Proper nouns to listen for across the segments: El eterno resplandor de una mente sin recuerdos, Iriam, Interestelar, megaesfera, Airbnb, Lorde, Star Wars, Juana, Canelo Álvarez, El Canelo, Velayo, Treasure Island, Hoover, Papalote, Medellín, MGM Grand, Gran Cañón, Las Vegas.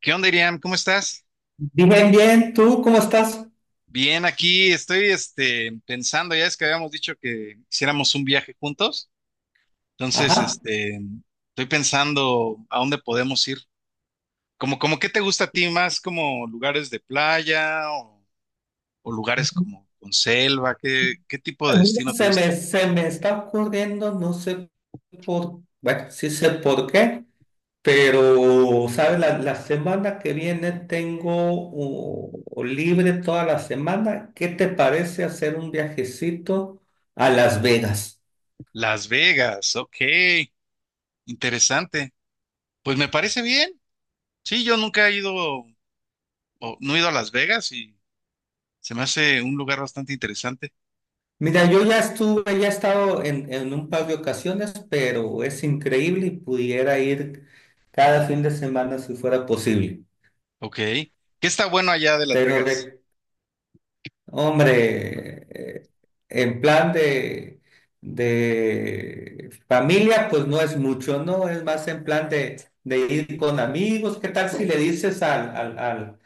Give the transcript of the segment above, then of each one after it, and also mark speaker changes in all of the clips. Speaker 1: ¿Qué onda, Iriam? ¿Cómo estás?
Speaker 2: Bien, bien, ¿tú cómo estás?
Speaker 1: Bien, aquí estoy pensando, ya es que habíamos dicho que hiciéramos un viaje juntos, entonces
Speaker 2: Ajá.
Speaker 1: estoy pensando a dónde podemos ir. Como, ¿qué te gusta a ti más? ¿Como lugares de playa o lugares como con selva? ¿Qué tipo de
Speaker 2: Mira,
Speaker 1: destino te
Speaker 2: se
Speaker 1: gusta?
Speaker 2: me, se me está ocurriendo, no sé por, bueno, sí sé por qué, pero, ¿sabes? La semana que viene tengo libre toda la semana. ¿Qué te parece hacer un viajecito a Las Vegas?
Speaker 1: Las Vegas, ok, interesante. Pues me parece bien. Sí, yo nunca he ido, o no he ido a Las Vegas y se me hace un lugar bastante interesante.
Speaker 2: Mira, yo ya estuve, ya he estado en un par de ocasiones, pero es increíble y pudiera ir cada fin de semana si fuera posible.
Speaker 1: Ok. ¿Qué está bueno allá de Las
Speaker 2: Pero
Speaker 1: Vegas?
Speaker 2: hombre, en plan de familia, pues no es mucho, ¿no? Es más en plan de ir con amigos. ¿Qué tal si le dices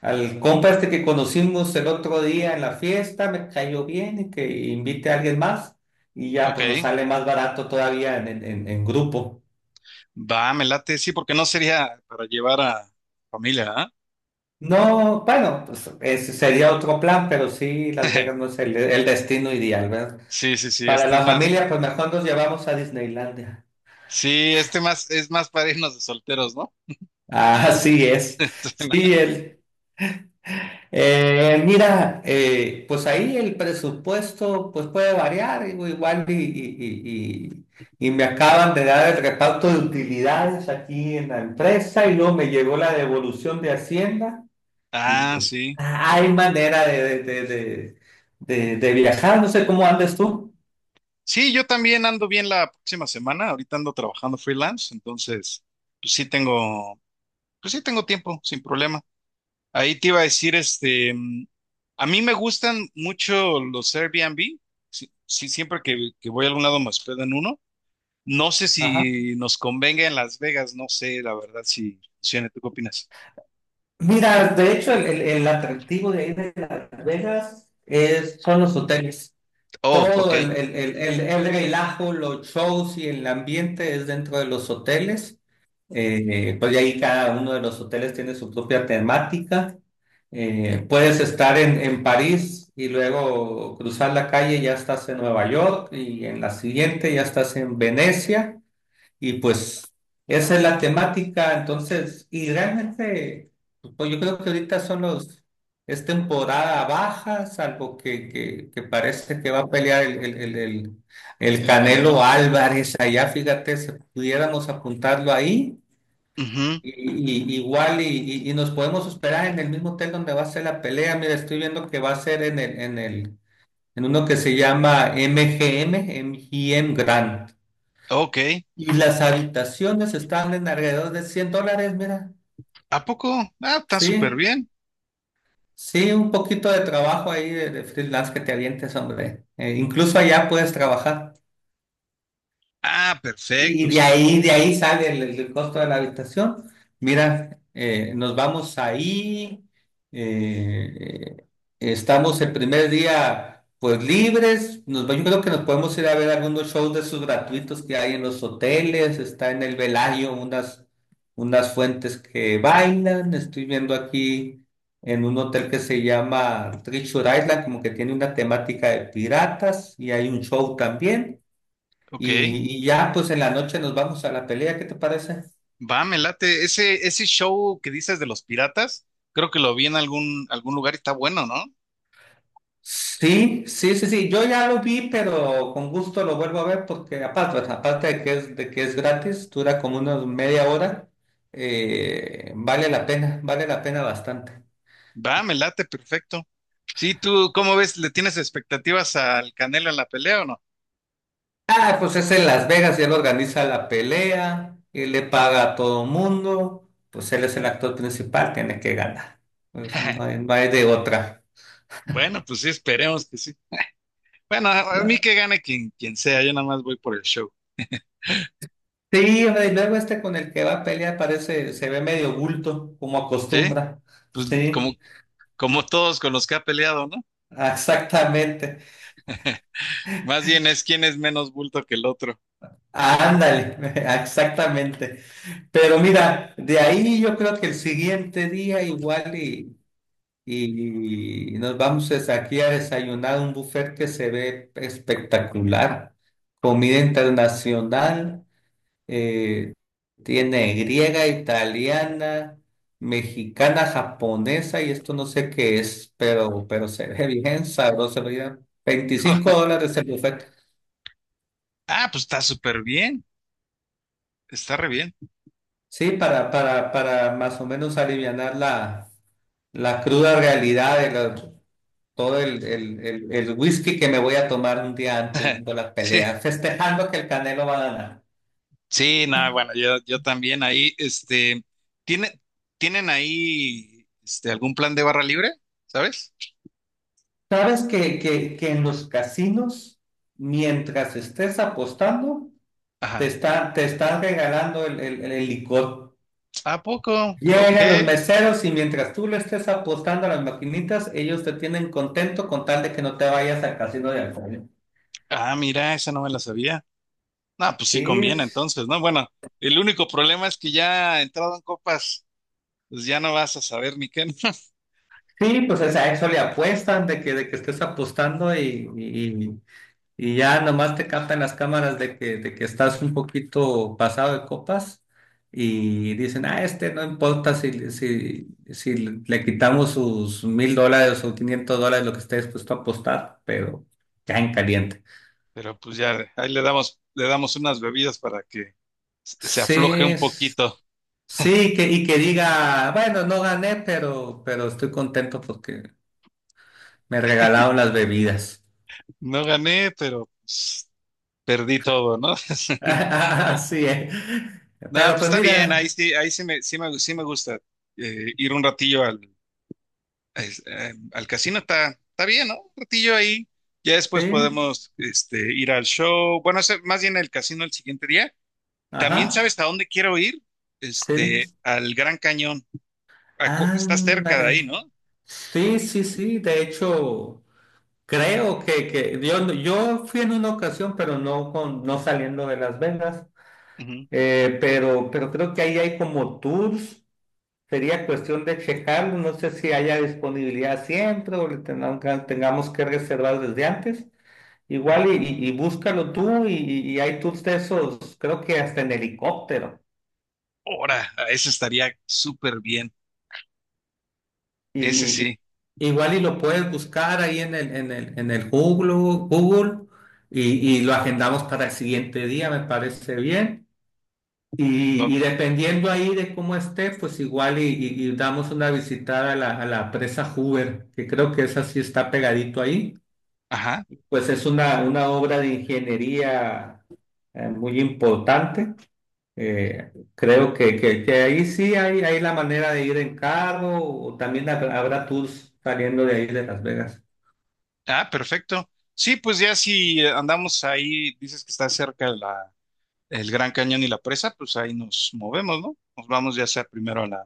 Speaker 2: al compa este que conocimos el otro día en la fiesta, me cayó bien y que invite a alguien más? Y ya, pues nos
Speaker 1: Ok.
Speaker 2: sale más barato todavía en grupo.
Speaker 1: Va, me late. Sí, porque no sería para llevar a familia, ¿ah?
Speaker 2: No, bueno, pues ese sería otro plan, pero sí, Las Vegas no es el destino ideal, ¿verdad?
Speaker 1: Sí, sí, sí,
Speaker 2: Para
Speaker 1: este es
Speaker 2: la
Speaker 1: más.
Speaker 2: familia, pues mejor nos llevamos a Disneylandia.
Speaker 1: Sí, este más es más para irnos de solteros, ¿no?
Speaker 2: Así es. Sí, el, mira, pues ahí el presupuesto pues puede variar, digo, igual y- y y me acaban de dar el reparto de utilidades aquí en la empresa y luego me llegó la devolución de Hacienda y
Speaker 1: Ah,
Speaker 2: pues
Speaker 1: sí.
Speaker 2: hay manera de, de viajar, no sé cómo andes tú.
Speaker 1: Sí, yo también ando bien la próxima semana. Ahorita ando trabajando freelance, entonces, pues sí tengo, pues sí tengo tiempo, sin problema. Ahí te iba a decir, este, a mí me gustan mucho los Airbnb. Sí, sí, siempre que voy a algún lado me hospedo en uno. No sé
Speaker 2: Ajá.
Speaker 1: si nos convenga en Las Vegas, no sé, la verdad, si funciona. ¿Tú qué opinas?
Speaker 2: Mira, de hecho, el, el atractivo de ahí de Las Vegas es, son los hoteles.
Speaker 1: Oh, ok.
Speaker 2: Todo el relajo, los shows y el ambiente es dentro de los hoteles. Pues de ahí cada uno de los hoteles tiene su propia temática. Puedes estar en París y luego cruzar la calle, ya estás en Nueva York y en la siguiente ya estás en Venecia. Y pues esa es la temática, entonces, y realmente, pues yo creo que ahorita son los, es temporada baja, salvo que parece que va a pelear el, el
Speaker 1: El Canelo.
Speaker 2: Canelo Álvarez allá, fíjate, si pudiéramos apuntarlo ahí,
Speaker 1: Ujú.
Speaker 2: y, y nos podemos esperar en el mismo hotel donde va a ser la pelea, mira, estoy viendo que va a ser en el, en el, en uno que se llama MGM, MGM Grand.
Speaker 1: Ok.
Speaker 2: Y las habitaciones están en alrededor de $100, mira.
Speaker 1: ¿A poco? Ah, está súper
Speaker 2: Sí,
Speaker 1: bien.
Speaker 2: sí, un poquito de trabajo ahí de freelance que te avientes, hombre. Incluso allá puedes trabajar.
Speaker 1: Ah,
Speaker 2: Y
Speaker 1: perfecto.
Speaker 2: de ahí sale el costo de la habitación. Mira, nos vamos ahí, eh, estamos el primer día pues libres, nos, va- yo creo que nos podemos ir a ver algunos shows de esos gratuitos que hay en los hoteles, está en el Velayo unas, unas fuentes que bailan, estoy viendo aquí en un hotel que se llama Treasure Island, como que tiene una temática de piratas y hay un show también.
Speaker 1: Ok.
Speaker 2: Y ya, pues en la noche nos vamos a la pelea, ¿qué te parece?
Speaker 1: Va, me late. Ese show que dices de los piratas, creo que lo vi en algún, algún lugar y está bueno, ¿no?
Speaker 2: Sí, sí, sí, sí, yo ya lo vi, pero con gusto lo vuelvo a ver porque aparte, aparte de que es gratis, dura como una media hora, vale la pena bastante.
Speaker 1: Va, me late, perfecto. Sí, tú, ¿cómo ves? ¿Le tienes expectativas al Canelo en la pelea o no?
Speaker 2: Ah, pues es en Las Vegas y él organiza la pelea, y le paga a todo mundo, pues él es el actor principal, tiene que ganar. Pues no hay, no hay de otra.
Speaker 1: Bueno, pues sí, esperemos que sí. Bueno, a mí que gane quien, quien sea, yo nada más voy por el show.
Speaker 2: Sí, hombre, y luego este con el que va a pelear parece, se ve medio bulto, como
Speaker 1: Sí,
Speaker 2: acostumbra.
Speaker 1: pues como,
Speaker 2: Sí,
Speaker 1: como todos con los que ha peleado, ¿no?
Speaker 2: exactamente.
Speaker 1: Más bien es quién es menos bulto que el otro.
Speaker 2: Ándale, exactamente. Pero mira, de ahí yo creo que el siguiente día igual y nos vamos es aquí a desayunar a un buffet que se ve espectacular. Comida internacional. Eh, tiene griega, italiana, mexicana, japonesa y esto no sé qué es, pero se ve bien sabroso, ya 25 dólares el buffet.
Speaker 1: Ah, pues está súper bien, está re bien.
Speaker 2: Sí, para más o menos alivianar la, la cruda realidad de la- todo el whisky que me voy a tomar un día antes de la pelea,
Speaker 1: Sí,
Speaker 2: festejando que el Canelo va a ganar.
Speaker 1: sí, no, bueno, yo también ahí, ¿tiene, ¿tienen ahí algún plan de barra libre? ¿Sabes?
Speaker 2: ¿Sabes que en los casinos, mientras estés apostando, te
Speaker 1: Ajá.
Speaker 2: está, te están regalando el, el licor?
Speaker 1: ¿A poco? Ok.
Speaker 2: Llegan los meseros y mientras tú le estés apostando a las maquinitas, ellos te tienen contento con tal de que no te vayas al casino de alcohol.
Speaker 1: Ah, mira, esa no me la sabía. Ah, pues sí conviene
Speaker 2: Sí,
Speaker 1: entonces, ¿no? Bueno, el único problema es que ya entrado en copas, pues ya no vas a saber ni qué, ¿no?
Speaker 2: sí, pues o sea, a eso le apuestan de que estés apostando y ya nomás te captan las cámaras de que estás un poquito pasado de copas y dicen, ah, este no importa si le quitamos sus $1,000 o $500, lo que esté dispuesto a apostar, pero ya en caliente.
Speaker 1: Pero pues ya, ahí le damos unas bebidas para que se
Speaker 2: Sí,
Speaker 1: afloje un
Speaker 2: s-
Speaker 1: poquito.
Speaker 2: sí, que, y que diga, bueno, no gané, pero estoy contento porque me regalaron las bebidas.
Speaker 1: No gané, pero pues, perdí todo, ¿no?
Speaker 2: Así es.
Speaker 1: No,
Speaker 2: Pero
Speaker 1: pues
Speaker 2: pues
Speaker 1: está bien, ahí
Speaker 2: mira,
Speaker 1: sí, sí me gusta ir un ratillo al casino, está, está bien, ¿no? Un ratillo ahí. Ya después
Speaker 2: sí,
Speaker 1: podemos ir al show. Bueno, más bien el casino el siguiente día. También
Speaker 2: ajá,
Speaker 1: sabes a dónde quiero ir,
Speaker 2: sí.
Speaker 1: al Gran Cañón. Estás cerca de
Speaker 2: Ándale.
Speaker 1: ahí, ¿no?
Speaker 2: Sí, sí, sí. De hecho, creo que, yo, no, yo fui en una ocasión, pero no, con, no saliendo de Las Vegas.
Speaker 1: Ujú.
Speaker 2: Pero creo que ahí hay como tours. Sería cuestión de checarlo. No sé si haya disponibilidad siempre o le tengan- que- tengamos que reservar desde antes. Igual y búscalo tú y hay tours de esos, creo que hasta en helicóptero.
Speaker 1: Ahora, ese estaría súper bien. Ese
Speaker 2: Y,
Speaker 1: sí.
Speaker 2: igual y lo puedes buscar ahí en el, en el, en el Google, Google y lo agendamos para el siguiente día, me parece bien.
Speaker 1: Bo-
Speaker 2: Y dependiendo ahí de cómo esté, pues igual y damos una visitada a la presa Hoover, que creo que esa sí está pegadito ahí.
Speaker 1: Ajá.
Speaker 2: Pues es una obra de ingeniería muy importante. Creo que ahí sí hay la manera de ir en carro o también habrá tours saliendo de ahí de Las Vegas.
Speaker 1: Ah, perfecto. Sí, pues ya si andamos ahí, dices que está cerca el Gran Cañón y la presa, pues ahí nos movemos, ¿no? Nos vamos ya sea primero a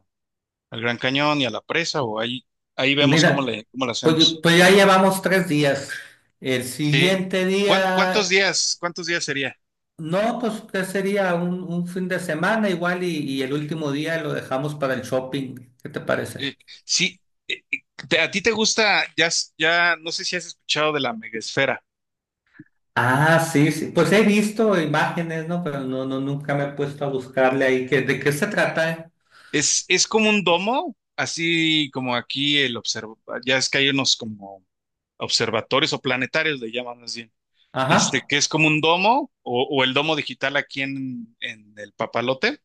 Speaker 1: al Gran Cañón y a la presa ahí vemos
Speaker 2: Mira,
Speaker 1: cómo lo
Speaker 2: pues,
Speaker 1: hacemos.
Speaker 2: pues ya llevamos 3 días. El
Speaker 1: Sí.
Speaker 2: siguiente día,
Speaker 1: ¿Cuántos días sería?
Speaker 2: no, pues ¿qué sería? Un fin de semana igual y el último día lo dejamos para el shopping. ¿Qué te parece?
Speaker 1: Eh, sí. eh, eh, ¿A ti te gusta, no sé si has escuchado de la megaesfera?
Speaker 2: Ah, sí, sí. Pues he visto imágenes, ¿no? Pero no, no, nunca me he puesto a buscarle ahí que, de qué se trata, ¿eh?
Speaker 1: Es como un domo, así como aquí ya es que hay unos como observatorios o planetarios, le llaman más bien,
Speaker 2: Ajá.
Speaker 1: que es como un domo o el domo digital aquí en el Papalote,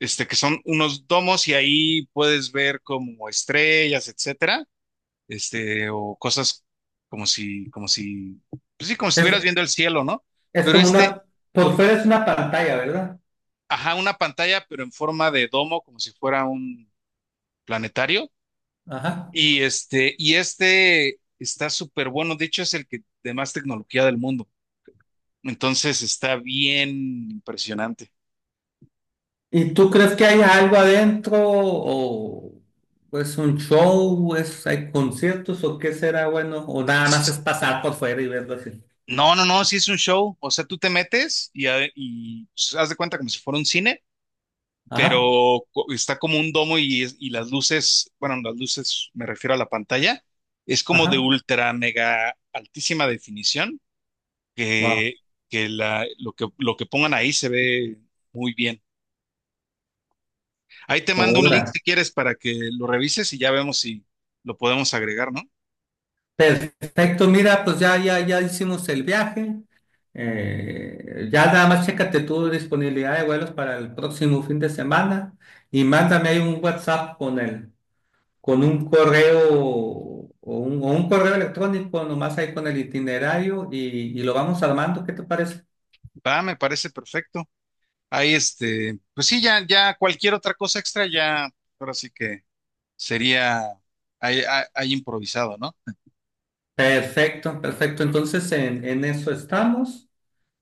Speaker 1: que son unos domos y ahí puedes ver como estrellas, etcétera, o cosas como si, pues sí, como si estuvieras
Speaker 2: Es,
Speaker 1: viendo el cielo, ¿no?
Speaker 2: es
Speaker 1: Pero
Speaker 2: como una, por fuera es una pantalla, ¿verdad?
Speaker 1: ajá, una pantalla, pero en forma de domo, como si fuera un planetario.
Speaker 2: Ajá.
Speaker 1: Y este está súper bueno. De hecho, es el que de más tecnología del mundo. Entonces está bien impresionante.
Speaker 2: ¿Y tú crees que hay algo adentro o es un show, es, hay conciertos o qué será bueno? O nada más es pasar por fuera y verlo así.
Speaker 1: No, no, no, sí es un show. O sea, tú te metes y pues, haz de cuenta como si fuera un cine,
Speaker 2: Ajá,
Speaker 1: pero está como un domo y las luces, bueno, las luces me refiero a la pantalla, es como de
Speaker 2: ajá,
Speaker 1: ultra, mega, altísima definición,
Speaker 2: wow.
Speaker 1: que, que lo que pongan ahí se ve muy bien. Ahí te mando un link
Speaker 2: Ahora,
Speaker 1: si quieres para que lo revises y ya vemos si lo podemos agregar, ¿no?
Speaker 2: perfecto, mira, pues ya, ya, ya hicimos el viaje. Ya nada más chécate tu disponibilidad de vuelos para el próximo fin de semana y mándame ahí un WhatsApp con el, con un correo o un correo electrónico, nomás ahí con el itinerario y lo vamos armando, ¿qué te parece?
Speaker 1: Va, me parece perfecto. Ahí pues sí, ya cualquier otra cosa extra, ya, ahora sí que sería ahí improvisado, ¿no?
Speaker 2: Perfecto, perfecto. Entonces en eso estamos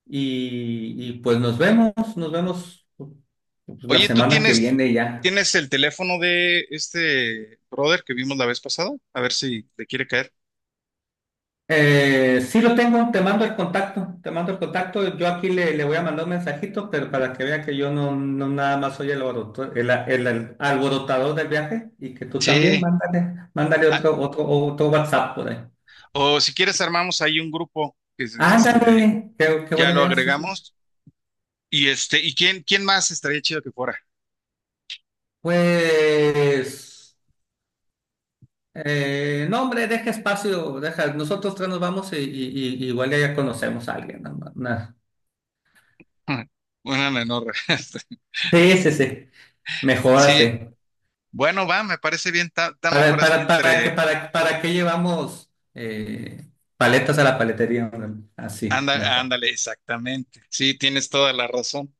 Speaker 2: y pues nos vemos pues, la
Speaker 1: Oye,
Speaker 2: semana que viene ya.
Speaker 1: ¿tienes el teléfono de este brother que vimos la vez pasada? A ver si le quiere caer.
Speaker 2: Sí lo tengo, te mando el contacto, te mando el contacto. Yo aquí le, le voy a mandar un mensajito, pero para que vea que yo no, no nada más soy el, alboroto- el, el alborotador del viaje y que tú también
Speaker 1: Sí.
Speaker 2: mándale, mándale
Speaker 1: Ah,
Speaker 2: otro, otro WhatsApp por ahí.
Speaker 1: o si quieres armamos ahí un grupo que es,
Speaker 2: Ándale, qué, qué
Speaker 1: ya
Speaker 2: buena
Speaker 1: lo
Speaker 2: idea. Sí, sí.
Speaker 1: agregamos. Y este, ¿y quién más estaría chido que fuera?
Speaker 2: Pues, no, hombre, deja espacio, deja, nosotros tres nos vamos y, igual ya conocemos a alguien. ¿No? Una-
Speaker 1: Una menor.
Speaker 2: sí, sí, sí, mejor
Speaker 1: Sí,
Speaker 2: así.
Speaker 1: bueno, va, me parece bien, está, está mejor así
Speaker 2: Para, que,
Speaker 1: entre...
Speaker 2: para, ¿para qué llevamos paletas a la paletería, hombre? Así,
Speaker 1: Anda,
Speaker 2: mejor.
Speaker 1: ándale, exactamente. Sí, tienes toda la razón.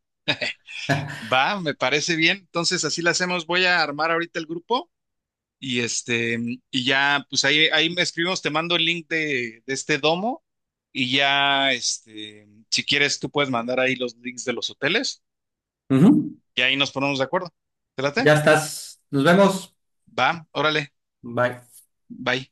Speaker 1: Va, me parece bien. Entonces, así la hacemos. Voy a armar ahorita el grupo y ya, pues ahí me escribimos, te mando el link de este domo y ya, este, si quieres, tú puedes mandar ahí los links de los hoteles
Speaker 2: Ujú.
Speaker 1: y ahí nos ponemos de acuerdo. ¿Te late?
Speaker 2: Ya estás. Nos vemos.
Speaker 1: Va, órale,
Speaker 2: Bye.
Speaker 1: bye.